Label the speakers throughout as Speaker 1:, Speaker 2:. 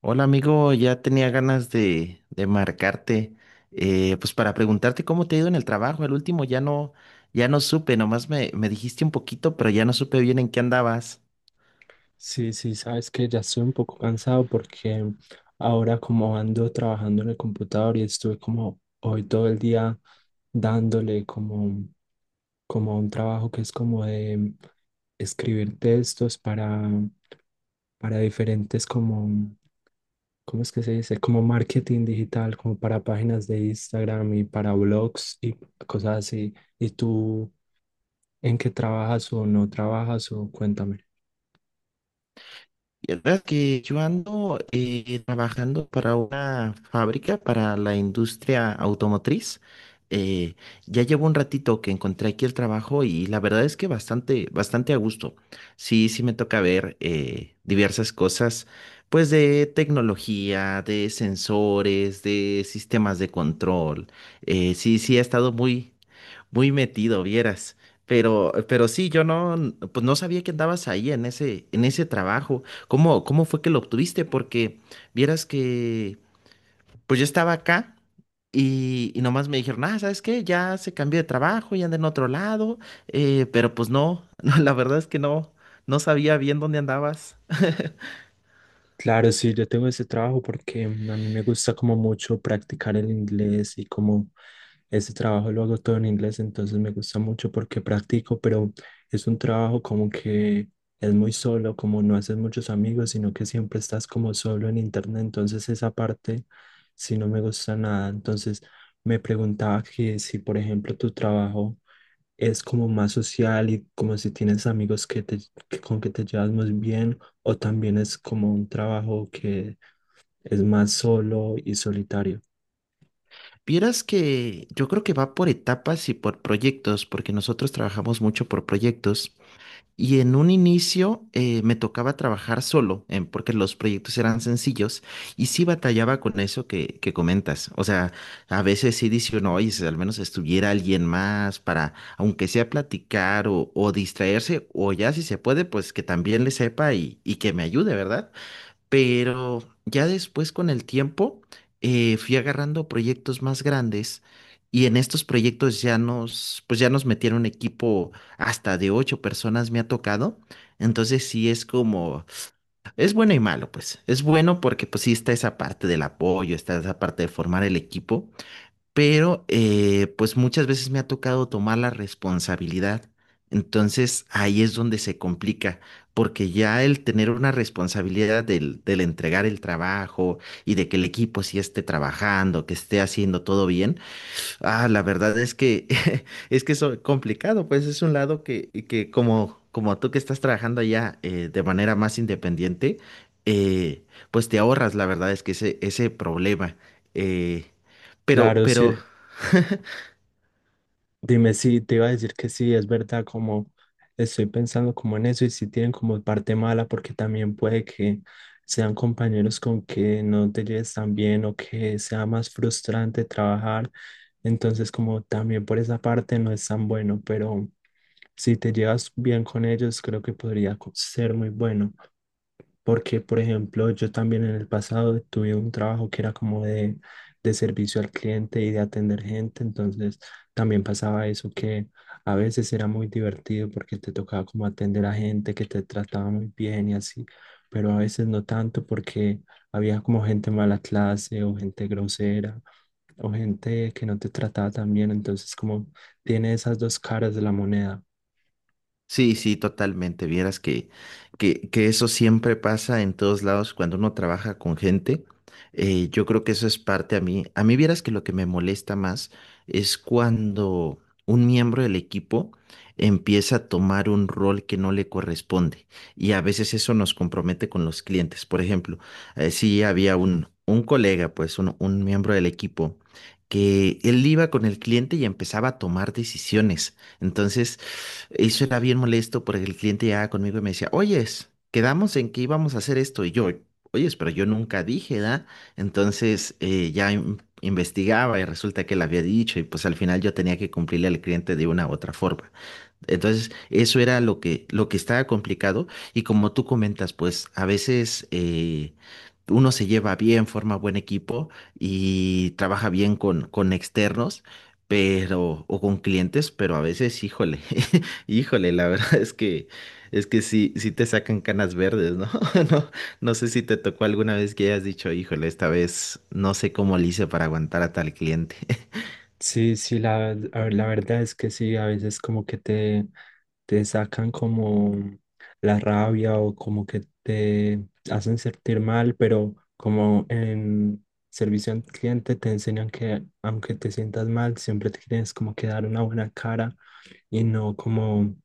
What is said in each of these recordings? Speaker 1: Hola amigo, ya tenía ganas de marcarte, pues para preguntarte cómo te ha ido en el trabajo. El último ya no supe, nomás me dijiste un poquito, pero ya no supe bien en qué andabas.
Speaker 2: Sí, sí, sabes que ya estoy un poco cansado porque ahora como ando trabajando en el computador y estuve como hoy todo el día dándole como, como un trabajo que es como de escribir textos para diferentes como ¿cómo es que se dice? Como marketing digital, como para páginas de Instagram y para blogs y cosas así. ¿Y tú en qué trabajas o no trabajas o cuéntame?
Speaker 1: Vieras que yo ando trabajando para una fábrica, para la industria automotriz. Eh, ya llevo un ratito que encontré aquí el trabajo y la verdad es que bastante a gusto. Sí, sí me toca ver diversas cosas, pues de tecnología, de sensores, de sistemas de control. Sí, sí, ha estado muy metido, vieras. Pero sí, yo no, n- pues no sabía que andabas ahí en ese trabajo. ¿Cómo, cómo fue que lo obtuviste? Porque vieras que, pues yo estaba acá y nomás me dijeron, ah, ¿sabes qué? Ya se cambió de trabajo y anda en otro lado. Pero pues no, no, la verdad es que no sabía bien dónde andabas.
Speaker 2: Claro, sí, yo tengo ese trabajo porque a mí me gusta como mucho practicar el inglés y como ese trabajo lo hago todo en inglés, entonces me gusta mucho porque practico, pero es un trabajo como que es muy solo, como no haces muchos amigos, sino que siempre estás como solo en internet, entonces esa parte sí no me gusta nada. Entonces me preguntaba que si, por ejemplo, tu trabajo es como más social y como si tienes amigos que te, con que te llevas muy bien, o también es como un trabajo que es más solo y solitario.
Speaker 1: Vieras que yo creo que va por etapas y por proyectos, porque nosotros trabajamos mucho por proyectos. Y en un inicio me tocaba trabajar solo, porque los proyectos eran sencillos y sí batallaba con eso que comentas. O sea, a veces sí dice uno, oye, si al menos estuviera alguien más para, aunque sea platicar o distraerse, o ya si se puede, pues que también le sepa y que me ayude, ¿verdad? Pero ya después con el tiempo fui agarrando proyectos más grandes y en estos proyectos pues ya nos metieron un equipo hasta de 8 personas me ha tocado. Entonces sí es bueno y malo, pues. Es bueno porque pues sí está esa parte del apoyo, está esa parte de formar el equipo, pero pues muchas veces me ha tocado tomar la responsabilidad. Entonces ahí es donde se complica, porque ya el tener una responsabilidad del entregar el trabajo y de que el equipo sí esté trabajando, que esté haciendo todo bien, ah, la verdad es que es que eso es complicado, pues es un lado que como, como tú que estás trabajando allá de manera más independiente, eh, pues te ahorras, la verdad es que ese problema. eh, pero,
Speaker 2: Claro, sí,
Speaker 1: pero
Speaker 2: dime si te iba a decir que sí, es verdad, como estoy pensando como en eso y si tienen como parte mala, porque también puede que sean compañeros con que no te lleves tan bien o que sea más frustrante trabajar. Entonces, como también por esa parte no es tan bueno, pero... Si te llevas bien con ellos, creo que podría ser muy bueno, porque, por ejemplo, yo también en el pasado tuve un trabajo que era como de servicio al cliente y de atender gente, entonces también pasaba eso que a veces era muy divertido porque te tocaba como atender a gente que te trataba muy bien y así, pero a veces no tanto porque había como gente mala clase o gente grosera o gente que no te trataba tan bien, entonces como tiene esas dos caras de la moneda.
Speaker 1: Sí, sí, totalmente. Vieras que eso siempre pasa en todos lados cuando uno trabaja con gente. Yo creo que eso es parte a mí. A mí vieras que lo que me molesta más es cuando un miembro del equipo empieza a tomar un rol que no le corresponde. Y a veces eso nos compromete con los clientes. Por ejemplo, sí había un colega, pues un miembro del equipo, que él iba con el cliente y empezaba a tomar decisiones. Entonces, eso era bien molesto porque el cliente llegaba conmigo y me decía, oyes, quedamos en que íbamos a hacer esto. Y yo, oyes, pero yo nunca dije, ¿da? Entonces investigaba y resulta que él había dicho y pues al final yo tenía que cumplirle al cliente de una u otra forma. Entonces, eso era lo que estaba complicado. Y como tú comentas, pues a veces uno se lleva bien, forma buen equipo y trabaja bien con externos, pero, o con clientes, pero a veces, híjole, híjole, la verdad es que sí, sí te sacan canas verdes, ¿no? No, no sé si te tocó alguna vez que hayas dicho, híjole, esta vez no sé cómo le hice para aguantar a tal cliente.
Speaker 2: Sí, sí, a ver, la verdad es que sí, a veces como que te sacan como la rabia o como que te hacen sentir mal, pero como en servicio al cliente te enseñan que aunque te sientas mal, siempre te tienes como que dar una buena cara y no como,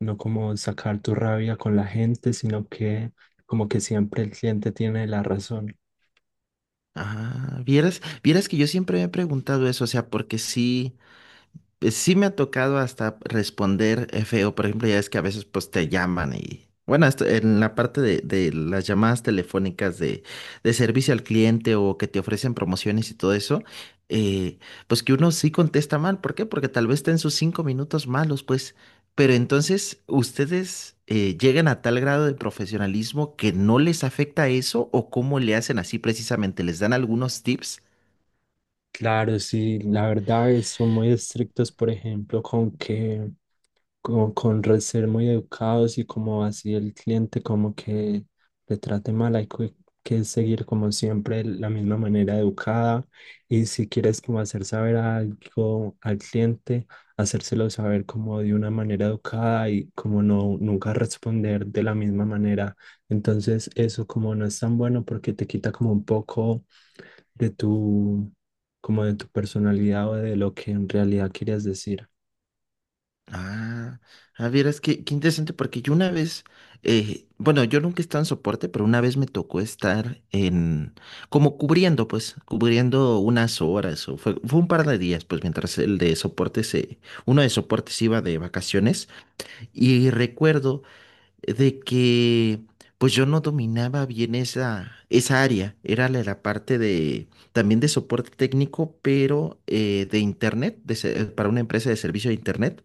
Speaker 2: no como sacar tu rabia con la gente, sino que como que siempre el cliente tiene la razón.
Speaker 1: Ah, vieras que yo siempre me he preguntado eso, o sea, porque sí. Pues sí me ha tocado hasta responder feo, por ejemplo, ya es que a veces pues te llaman y bueno, en la parte de las llamadas telefónicas de servicio al cliente o que te ofrecen promociones y todo eso, eh, pues que uno sí contesta mal, ¿por qué? Porque tal vez está en sus 5 minutos malos, pues, pero entonces ustedes llegan a tal grado de profesionalismo que no les afecta eso o cómo le hacen así precisamente, ¿les dan algunos tips?
Speaker 2: Claro, sí, son muy estrictos, por ejemplo, con ser muy educados y como así el cliente como que le trate mal, que seguir como siempre la misma manera educada y si quieres como hacer saber algo al cliente, hacérselo saber como de una manera educada y como no nunca responder de la misma manera. Entonces eso como no es tan bueno porque te quita como un poco de tu como de tu personalidad o de lo que en realidad querías decir.
Speaker 1: Ah, Es que, qué interesante, porque yo una vez, bueno, yo nunca he estado en soporte, pero una vez me tocó estar en, como cubriendo, pues, cubriendo unas horas, o fue un par de días, pues, mientras el de soporte se, uno de soportes iba de vacaciones, y recuerdo de que pues yo no dominaba bien esa área. Era la parte de también de soporte técnico, pero de internet, para una empresa de servicio de internet.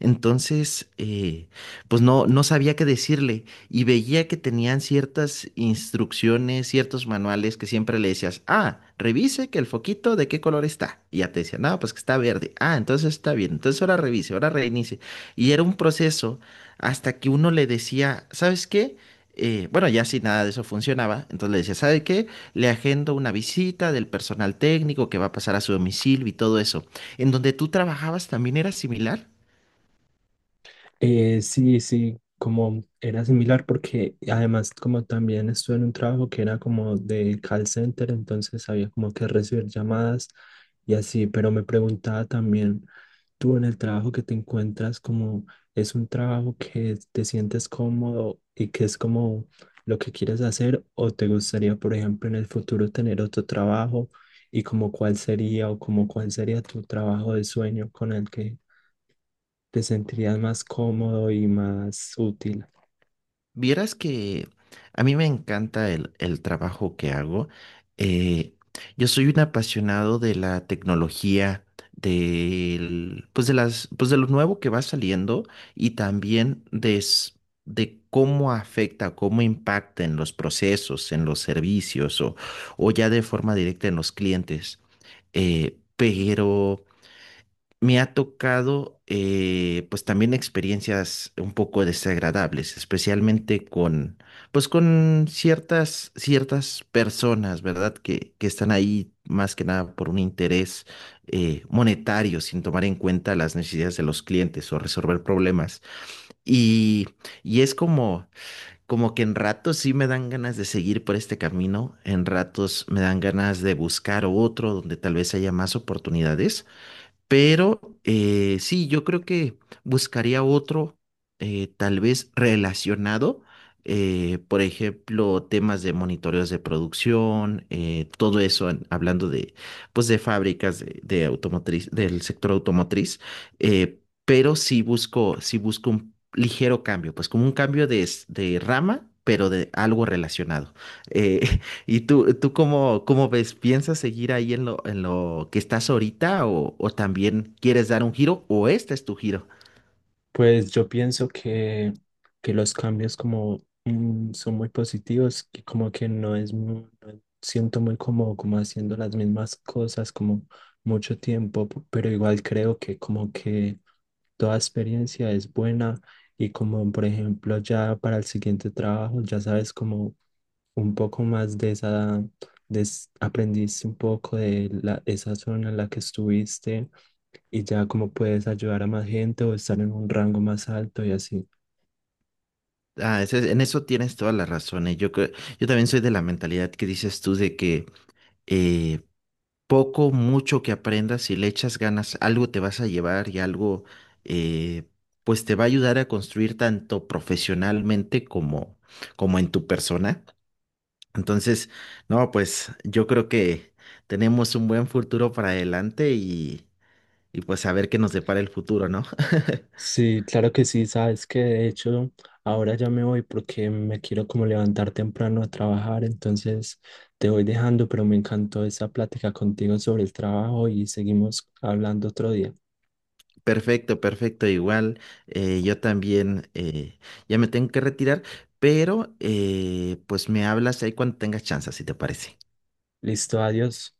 Speaker 1: Entonces, pues no, no sabía qué decirle y veía que tenían ciertas instrucciones, ciertos manuales que siempre le decías, ah, revise que el foquito de qué color está. Y ya te decía, no, pues que está verde. Ah, entonces está bien. Entonces ahora revise, ahora reinicie. Y era un proceso hasta que uno le decía, ¿sabes qué? Bueno, ya si nada de eso funcionaba, entonces le decía, ¿sabe qué? Le agendo una visita del personal técnico que va a pasar a su domicilio y todo eso. ¿En donde tú trabajabas también era similar?
Speaker 2: Sí, sí, como era similar porque además como también estuve en un trabajo que era como de call center, entonces había como que recibir llamadas y así, pero me preguntaba también, tú en el trabajo que te encuentras, como es un trabajo que te sientes cómodo y que es como lo que quieres hacer o te gustaría, por ejemplo, en el futuro tener otro trabajo y como cuál sería o como cuál sería tu trabajo de sueño con el que te sentirías más cómodo y más útil.
Speaker 1: Vieras que a mí me encanta el trabajo que hago. Eh, yo soy un apasionado de la tecnología, del, pues de las, pues de lo nuevo que va saliendo y también de cómo afecta, cómo impacta en los procesos, en los servicios o ya de forma directa en los clientes. Pero me ha tocado pues también experiencias un poco desagradables, especialmente con pues con ciertas personas, ¿verdad? Que están ahí más que nada por un interés monetario, sin tomar en cuenta las necesidades de los clientes o resolver problemas. Y, y es como, como que en ratos sí me dan ganas de seguir por este camino, en ratos me dan ganas de buscar otro donde tal vez haya más oportunidades, pero sí, yo creo que buscaría otro, tal vez relacionado, por ejemplo, temas de monitoreos de producción, todo eso, hablando de, pues, de fábricas de automotriz, del sector automotriz, pero sí busco un ligero cambio, pues como un cambio de rama, pero de algo relacionado. Eh, ¿Y tú cómo, cómo ves? ¿Piensas seguir ahí en en lo que estás ahorita o también quieres dar un giro o este es tu giro?
Speaker 2: Pues yo pienso que los cambios como son muy positivos, que como que no es, no siento muy cómodo como haciendo las mismas cosas como mucho tiempo, pero igual creo que como que toda experiencia es buena y como por ejemplo ya para el siguiente trabajo ya sabes como un poco más de esa, aprendiste un poco de la, esa zona en la que estuviste y ya como puedes ayudar a más gente o estar en un rango más alto y así.
Speaker 1: Ah, en eso tienes toda la razón. Yo también soy de la mentalidad que dices tú de que eh, poco, mucho que aprendas, si le echas ganas, algo te vas a llevar y algo eh, pues te va a ayudar a construir tanto profesionalmente como, como en tu persona. Entonces, no, pues yo creo que tenemos un buen futuro para adelante y pues a ver qué nos depara el futuro, ¿no?
Speaker 2: Sí, claro que sí, sabes que de hecho ahora ya me voy porque me quiero como levantar temprano a trabajar, entonces te voy dejando, pero me encantó esa plática contigo sobre el trabajo y seguimos hablando otro día.
Speaker 1: Perfecto, perfecto, igual. Yo también ya me tengo que retirar, pero pues me hablas ahí cuando tengas chance, si te parece.
Speaker 2: Listo, adiós.